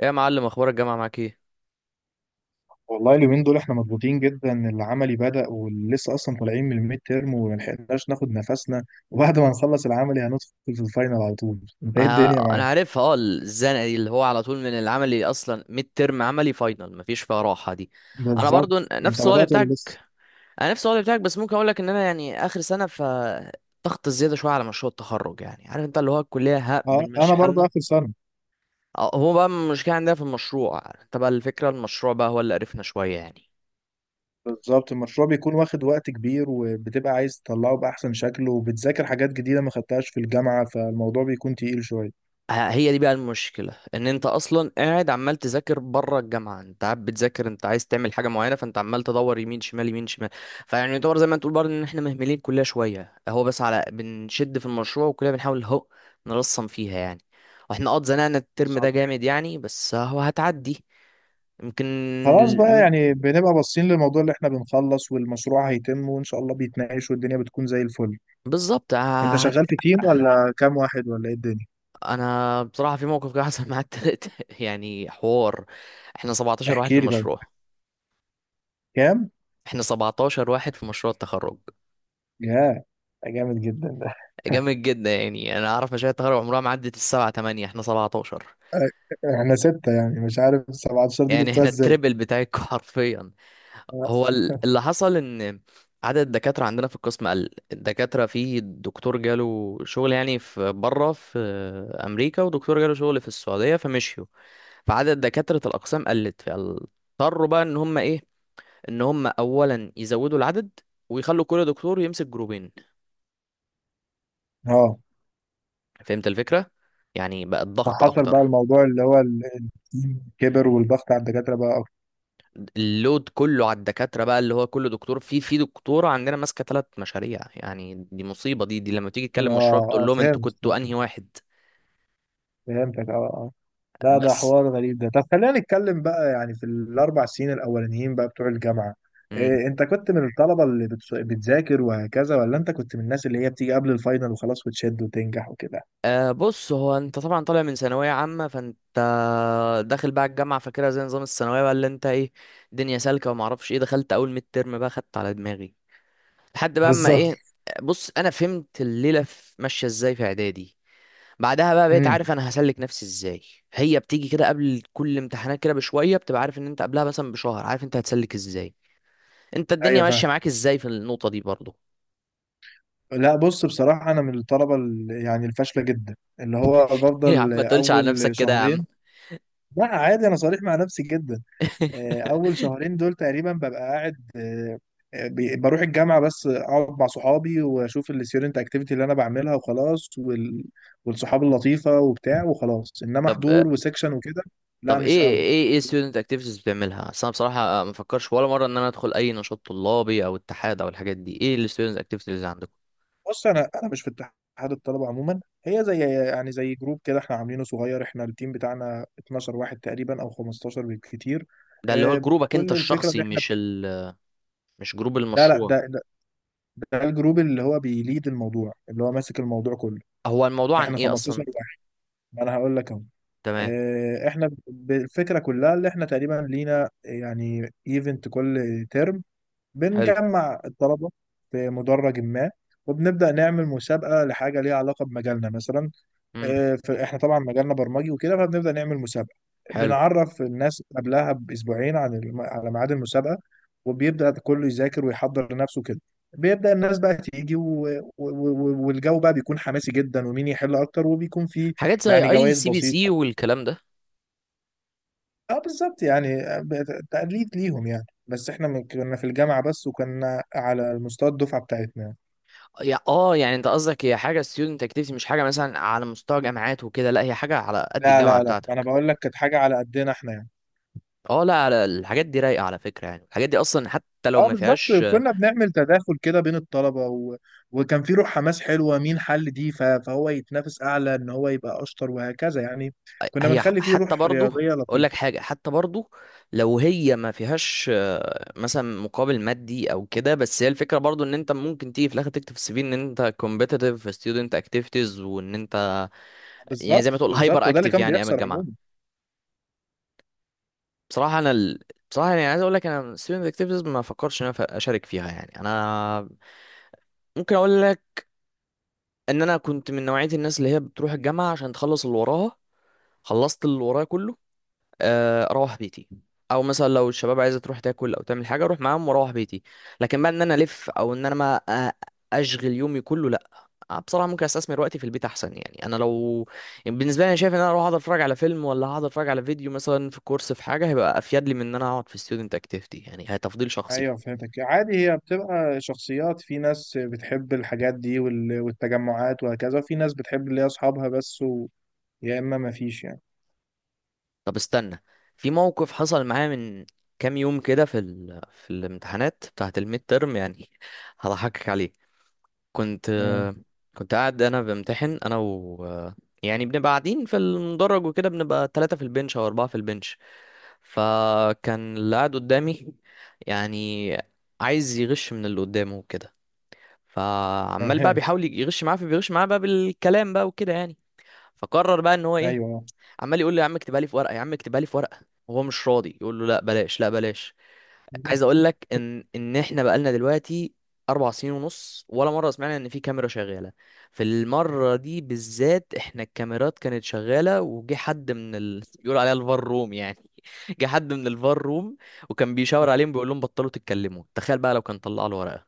ايه يا معلم، اخبار الجامعه معاك ايه؟ والله اليومين دول احنا مضغوطين جدا، العملي بدأ ولسه اصلا طالعين من الميد تيرم وما لحقناش ناخد نفسنا. وبعد ما نخلص العملي هندخل في الفاينل على طول. انت ايه انا الدنيا أنا معاك؟ عارفها. اه، الزنقه دي اللي هو على طول من العملي اصلا. ميد ترم، عملي، فاينل، مفيش فيها راحه دي. انا بالظبط. برضو انت نفس الوضع بدأت ولا بتاعك. لسه؟ انا نفس الوضع بتاعك، بس ممكن اقول لك ان انا يعني اخر سنه ف ضغط زياده شويه على مشروع التخرج. يعني عارف انت اللي هو الكليه ها اه، انا بنمشي برضه حالنا. اخر سنة. هو بقى المشكله عندنا في المشروع، انت بقى الفكره المشروع بقى هو اللي قرفنا شويه يعني. بالظبط، المشروع بيكون واخد وقت كبير وبتبقى عايز تطلعه بأحسن شكل، وبتذاكر حاجات جديدة ما خدتهاش في الجامعة، فالموضوع بيكون تقيل شوية. هي دي بقى المشكلة ان انت اصلا قاعد عمال تذاكر بره الجامعة. انت قاعد بتذاكر، انت عايز تعمل حاجة معينة، فانت عمال تدور يمين شمال يمين شمال. فيعني يعتبر زي ما تقول برضه ان احنا مهملين الكلية شوية، هو بس على بنشد في المشروع وكلنا بنحاول هو نرسم فيها يعني. واحنا اه اتزنقنا الترم ده بالظبط. جامد يعني، بس هو هتعدي يمكن. خلاص بقى، المد- يعني بنبقى باصين للموضوع اللي احنا بنخلص والمشروع هيتم وإن شاء الله بيتناقش والدنيا بتكون زي الفل. بالظبط. انت شغال في تيم ولا كام واحد ولا ايه الدنيا؟ انا بصراحة في موقف كده حصل معايا التالت يعني حوار. احنا 17 واحد في احكي لي طيب. المشروع. كام؟ احنا 17 واحد في مشروع التخرج. يا، ده جامد جدا ده. جامد جدا يعني، انا اعرف مشاهد تخرج عمرها ما عدت السبعة تمانية، احنا 17. احنا ستة، يعني مش عارف 17 دي يعني جبتها احنا ازاي. التربل بتاعك حرفيا. هو اللي حصل ان عدد الدكاترة عندنا في القسم قل. الدكاترة، في دكتور جاله شغل يعني في بره في امريكا، ودكتور جاله شغل في السعودية فمشيوا. فعدد دكاترة الاقسام قلت، فاضطروا بقى ان هم ايه، ان هم اولا يزودوا العدد ويخلوا كل دكتور يمسك جروبين. اه، فهمت الفكرة؟ يعني بقى الضغط فحصل بقى اكتر. الموضوع اللي هو التيم كبر والضغط على الدكاترة بقى اكتر. اللود كله على الدكاترة بقى، اللي هو كل دكتور في دكتورة عندنا ماسكة ثلاث مشاريع. يعني دي مصيبة دي، لما تيجي اه تكلم مشروع بتقول اه، لهم انتوا فهمت. كنتوا انهي واحد. فهمتك، اه اه. لا ده بس. حوار غريب ده. طب خلينا نتكلم بقى يعني في الاربع سنين الاولانيين بقى بتوع الجامعة. مم. إيه، انت كنت من الطلبة اللي بتذاكر وهكذا، ولا انت كنت من الناس اللي هي بتيجي قبل الفاينل وخلاص وتشد وتنجح وكده؟ آه، بص هو انت طبعا طالع من ثانوية عامة، فانت داخل بقى الجامعة فاكرها زي نظام الثانوية بقى اللي انت ايه، دنيا سالكة وما اعرفش ايه. دخلت اول ميد ترم بقى خدت على دماغي لحد بقى اما بالظبط. ايه. بص، انا فهمت الليلة ماشية ازاي في اعدادي. بعدها بقى بقيت امم. عارف انا هسلك نفسي ازاي. هي بتيجي كده قبل كل امتحانات كده بشويه، بتبقى عارف ان انت قبلها مثلا بشهر عارف انت هتسلك ازاي. انت الدنيا ايوه، فاهم. ماشيه معاك ازاي في النقطه دي برضه؟ لا بص، بصراحه انا من الطلبه يعني الفاشله جدا، اللي هو يا عم بفضل ما تقولش على اول نفسك كده يا عم. شهرين. لا عادي، انا صريح مع نفسي جدا. اول شهرين دول تقريبا ببقى قاعد، بروح الجامعه بس اقعد مع صحابي واشوف الستيودنت اكتيفيتي اللي انا بعملها وخلاص، والصحاب اللطيفه وبتاع وخلاص، انما طب، حضور وسكشن وكده. لا مش ايه قوي. ايه student activities بتعملها؟ اصل انا بصراحه ما فكرش ولا مره ان انا ادخل اي نشاط طلابي او اتحاد او الحاجات دي. ايه ال student activities اللي عندكم؟ بص، انا مش في اتحاد الطلبه عموما. هي زي يعني زي جروب كده احنا عاملينه صغير. احنا التيم بتاعنا 12 واحد تقريبا، او 15 بالكتير. ده اللي هو جروبك انت كل الفكره ان الشخصي احنا، مش ال مش جروب لا لا، المشروع؟ ده ده الجروب اللي هو بيليد الموضوع، اللي هو ماسك الموضوع كله. هو الموضوع عن احنا ايه 15 اصلا؟ واحد. ما انا هقول لك اهو. تمام. احنا الفكره كلها اللي احنا تقريبا لينا يعني ايفنت كل ترم. حلو. بنجمع الطلبه في مدرج ما، وبنبدا نعمل مسابقه لحاجه ليها علاقه بمجالنا مثلا. امم. فاحنا طبعا مجالنا برمجي وكده، فبنبدا نعمل مسابقه. حلو. بنعرف الناس قبلها باسبوعين عن على ميعاد المسابقه، وبيبدا كله يذاكر ويحضر نفسه كده. بيبدا الناس بقى تيجي، والجو بقى بيكون حماسي جدا، ومين يحل اكتر، وبيكون فيه حاجات زي يعني اي جوائز سي بي سي بسيطه. والكلام ده. اه بالظبط، يعني تقليد ليهم يعني، بس احنا كنا في الجامعه بس، وكنا على مستوى الدفعه بتاعتنا. يا اه، يعني انت قصدك هي حاجه ستودنت اكتيفيتي مش حاجه مثلا على مستوى جامعات وكده، لا هي حاجه على قد لا الجامعه لا لا، انا بتاعتك. بقول لك كانت حاجه على قدنا احنا يعني. اه، لا على الحاجات دي رايقه على فكره. يعني الحاجات دي اصلا حتى لو اه ما بالظبط. فيهاش. كنا بنعمل تداخل كده بين الطلبة، و... وكان في روح حماس حلوة. مين حل دي فهو يتنافس أعلى إن هو يبقى أشطر وهكذا يعني. كنا بنخلي فيه حتى روح برضه رياضية اقول لك لطيفة. حاجه، حتى برضه لو هي ما فيهاش مثلا مقابل مادي او كده، بس هي الفكره برضه ان انت ممكن تيجي في الاخر تكتب في السي في ان انت كومبيتيتيف في ستودنت اكتيفيتيز وان انت يعني زي ما بالظبط تقول بالظبط، هايبر وده اللي اكتيف كان يعني ايام بيحصل عموما. الجامعه. بصراحة أنا بصراحة يعني عايز أقول لك، أنا student activities ما فكرش إن أنا أشارك فيها. يعني أنا ممكن أقول لك إن أنا كنت من نوعية الناس اللي هي بتروح الجامعة عشان تخلص اللي وراها. خلصت اللي ورايا كله، اروح بيتي، او مثلا لو الشباب عايزه تروح تاكل او تعمل حاجه اروح معاهم واروح بيتي. لكن بقى ان انا الف او ان انا ما أ- اشغل يومي كله، لا. بصراحه ممكن استثمر وقتي في البيت احسن. يعني انا لو يعني بالنسبه لي انا شايف ان انا اروح اقعد اتفرج على فيلم، ولا هقعد اتفرج على فيديو مثلا في كورس في حاجه، هيبقى افيد لي من ان انا اقعد في ستودنت اكتيفيتي. يعني هي تفضيل شخصي. أيوه فهمتك. عادي، هي بتبقى شخصيات. في ناس بتحب الحاجات دي والتجمعات وهكذا، وفي ناس بتحب اللي هي أصحابها بس، و... يا إما مفيش يعني. طب استنى، في موقف حصل معايا من كام يوم كده في في الامتحانات بتاعه الميد ترم، يعني هضحكك عليه. كنت تمام. كنت قاعد انا بمتحن انا و يعني بنبقى قاعدين في المدرج وكده، بنبقى ثلاثة في البنش او أربعة في البنش. فكان اللي قاعد قدامي يعني عايز يغش من اللي قدامه وكده. فعمال بقى تمام. بيحاول يغش معاه، فبيغش معاه بقى بالكلام بقى وكده يعني. فقرر بقى ان هو ايه، أيوه. عمال يقول له يا عم اكتبها لي في ورقة، يا عم اكتبها لي في ورقة، وهو مش راضي يقول له لا بلاش، لا بلاش. عايز اقول لك ان احنا بقالنا دلوقتي اربع سنين ونص ولا مره سمعنا ان في كاميرا شغاله. في المره دي بالذات، احنا الكاميرات كانت شغاله وجه حد من بيقول عليها الفار روم يعني. جه حد من الفار روم وكان بيشاور عليهم بيقول لهم بطلوا تتكلموا. تخيل بقى لو كان طلع له ورقه.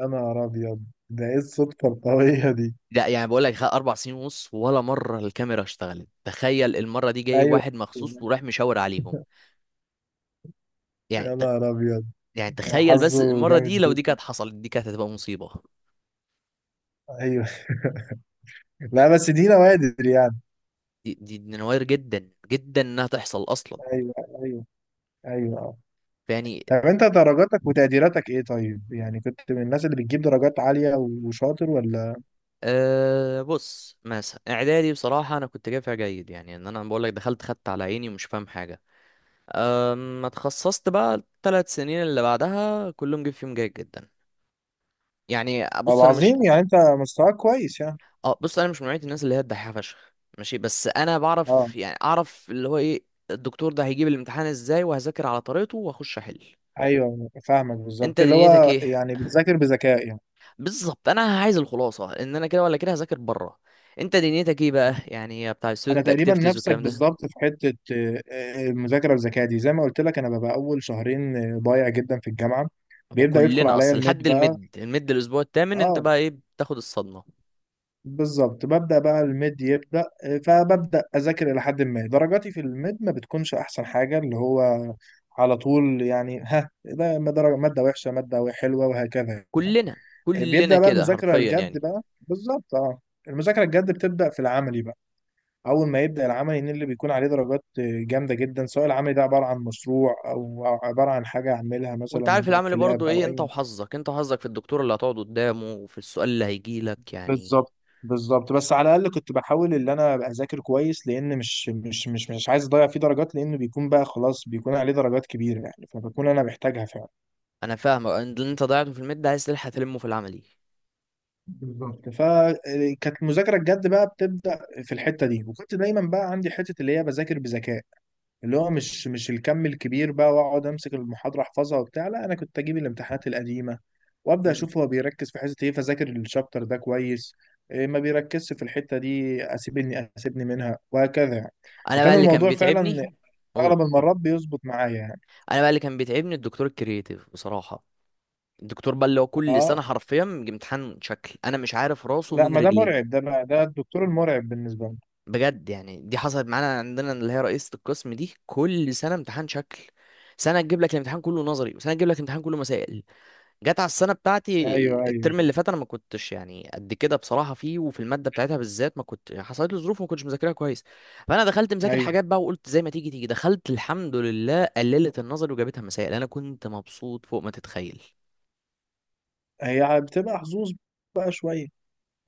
أنا أبيض. ده إيه الصدفة القوية دي؟ لا يعني بقول لك، اربع سنين ونص ولا مره الكاميرا اشتغلت، تخيل المره دي جاي أيوه. واحد مخصوص وراح مشاور عليهم. يعني يا ت... نهار ابيض، يعني ده تخيل بس، حظه المره جامد دي لو دي جدا. كانت حصلت دي كانت هتبقى مصيبه. ايوه. لا بس دي نوادر يعني. دي نوادر جدا جدا انها تحصل اصلا. ايوه ايوه ايوه، آه. يعني طب انت درجاتك وتقديراتك ايه طيب؟ يعني كنت من الناس اللي بتجيب درجات عالية وشاطر، ولا؟ أه، بص مثلا اعدادي بصراحه انا كنت جايب فيها جيد يعني، ان انا بقول لك دخلت خدت على عيني ومش فاهم حاجه. ما اتخصصت بقى الثلاث سنين اللي بعدها كلهم جيب فيهم جيد جدا. يعني طب بص انا مش عظيم، يعني انت مستواك كويس يعني. اه، بص انا مش من نوعيه الناس اللي هي الدحيحه فشخ ماشي، بس انا بعرف اه. يعني اعرف اللي هو ايه الدكتور ده هيجيب الامتحان ازاي، وهذاكر على طريقته واخش احل. ايوه فاهمك، انت بالظبط اللي دنيتك هو ايه؟ يعني بتذاكر بذكاء يعني. بالظبط، انا عايز الخلاصه ان انا كده ولا كده هذاكر بره. انت دنيتك ايه بقى يعني بتاع انا الستودنت تقريبا اكتيفيتيز نفسك والكلام ده؟ بالظبط في حتة المذاكرة بذكاء دي. زي ما قلت لك، انا ببقى اول شهرين ضايع جدا في الجامعة. هو بيبدأ يدخل كلنا عليا اصلا الميد لحد بقى. المد الاسبوع الثامن انت اه بقى ايه، بتاخد الصدمه. بالظبط، ببدأ بقى الميد يبدأ، فببدأ أذاكر. إلى حد ما درجاتي في الميد ما بتكونش أحسن حاجة، اللي هو على طول يعني، ها، ده درجة مادة وحشة، مادة حلوة وهكذا يعني. كلنا بيبدأ بقى كده المذاكرة حرفيا الجد يعني. بقى، بالظبط اه. المذاكرة الجد بتبدأ في العملي بقى. أول ما يبدأ العملي، إن اللي بيكون عليه درجات جامدة جدا، سواء العملي ده عبارة عن مشروع أو عبارة عن حاجة أعملها وانت مثلا عارف العمل في لاب برضه ايه، أو انت أي. وحظك، في الدكتور اللي هتقعد قدامه وفي السؤال اللي هيجي لك يعني. بالظبط بالظبط. بس على الاقل كنت بحاول ان انا ابقى اذاكر كويس، لان مش عايز اضيع فيه درجات، لانه بيكون بقى خلاص بيكون عليه درجات كبيره يعني، فبكون انا محتاجها فعلا. انا فاهمك، ان اللي انت ضيعته في المد عايز تلحق تلمه في العملي. بالظبط، فكانت المذاكره الجد بقى بتبدا في الحته دي. وكنت دايما بقى عندي حته اللي هي بذاكر بذكاء، اللي هو مش الكم الكبير بقى واقعد امسك المحاضره احفظها وبتاع، لا انا كنت اجيب الامتحانات القديمه وابدا مم. اشوف هو بيركز في حته ايه، فذاكر الشابتر ده كويس. إيه ما بيركزش في الحته دي اسيبني اسيبني منها وهكذا يعني. انا بقى وكان اللي كان الموضوع فعلا بيتعبني. قول، اغلب المرات بيظبط معايا يعني. انا بقى اللي كان بيتعبني الدكتور الكرييتيف بصراحه. الدكتور بقى اللي هو كل اه سنة حرفيا بيجي امتحان شكل، أنا مش عارف راسه لا، من ما ده رجليه. مرعب ده بقى، ده الدكتور المرعب بالنسبه لي. بجد يعني، دي حصلت معانا عندنا، اللي هي رئيسة القسم دي كل سنة امتحان شكل. سنة تجيب لك الامتحان كله نظري، وسنة تجيب لك الامتحان كله مسائل. جت على السنة بتاعتي ايوه ايوه الترم اللي فات، أنا ما كنتش يعني قد كده بصراحة فيه، وفي المادة بتاعتها بالذات ما كنت حصلت لي ظروف ما كنتش مذاكرها كويس. فأنا دخلت مذاكر ايوه. حاجات بقى وقلت زي ما تيجي تيجي، دخلت الحمد لله قللت النظري وجابتها مسائل، أنا كنت مبسوط فوق ما تتخيل. هي بتبقى حظوظ بقى شويه.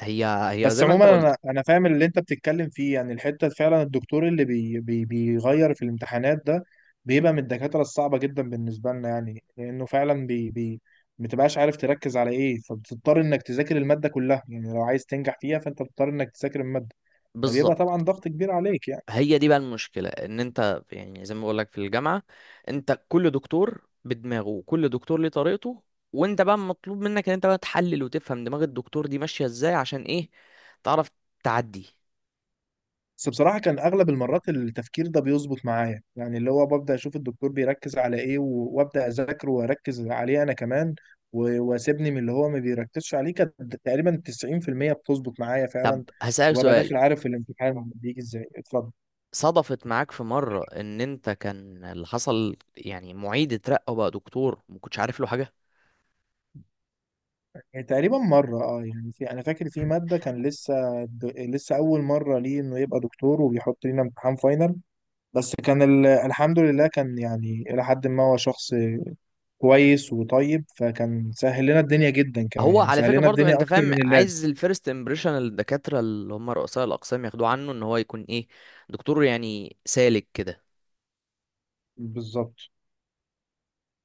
هي هي بس زي ما أنت عموما قلت، انا فاهم اللي انت بتتكلم فيه يعني. الحته فعلا الدكتور اللي بي بيغير في الامتحانات ده، بيبقى من الدكاتره الصعبه جدا بالنسبه لنا يعني، لانه فعلا بي ما بتبقاش عارف تركز على ايه، فبتضطر انك تذاكر الماده كلها يعني. لو عايز تنجح فيها، فانت بتضطر انك تذاكر الماده، فبيبقى بالظبط. طبعا ضغط كبير عليك يعني. هي دي بقى المشكلة، ان انت يعني زي ما بقول لك في الجامعة، انت كل دكتور بدماغه وكل دكتور ليه طريقته. وانت بقى مطلوب منك ان انت بقى تحلل وتفهم دماغ الدكتور دي ماشية ازاي عشان ايه، تعرف تعدي. بس بصراحة كان أغلب المرات التفكير ده بيظبط معايا يعني، اللي هو ببدأ أشوف الدكتور بيركز على إيه وأبدأ أذاكره وأركز عليه أنا كمان، وأسيبني من اللي هو ما بيركزش عليه. كانت تقريبا 90% بتظبط معايا طب فعلا، هسألك وأبقى سؤال، داخل عارف الامتحان بيجي إزاي اتفضل. صدفت معاك في مرة ان انت كان اللي حصل يعني معيد اترقى وبقى دكتور ما كنتش عارف له حاجة؟ يعني تقريبا مرة، أه يعني، في أنا فاكر في مادة كان لسه لسه أول مرة ليه إنه يبقى دكتور، وبيحط لنا امتحان فاينل. بس كان الحمد لله كان يعني إلى حد ما هو شخص كويس وطيب، فكان سهل لنا الدنيا جدا كمان، هو يعني على سهل فكرة لنا برضو الدنيا انت اكتر فاهم، من اللازم. عايز الفيرست امبريشن الدكاترة اللي هم رؤساء الاقسام ياخدوه عنه ان هو يكون ايه، دكتور يعني سالك كده. بالظبط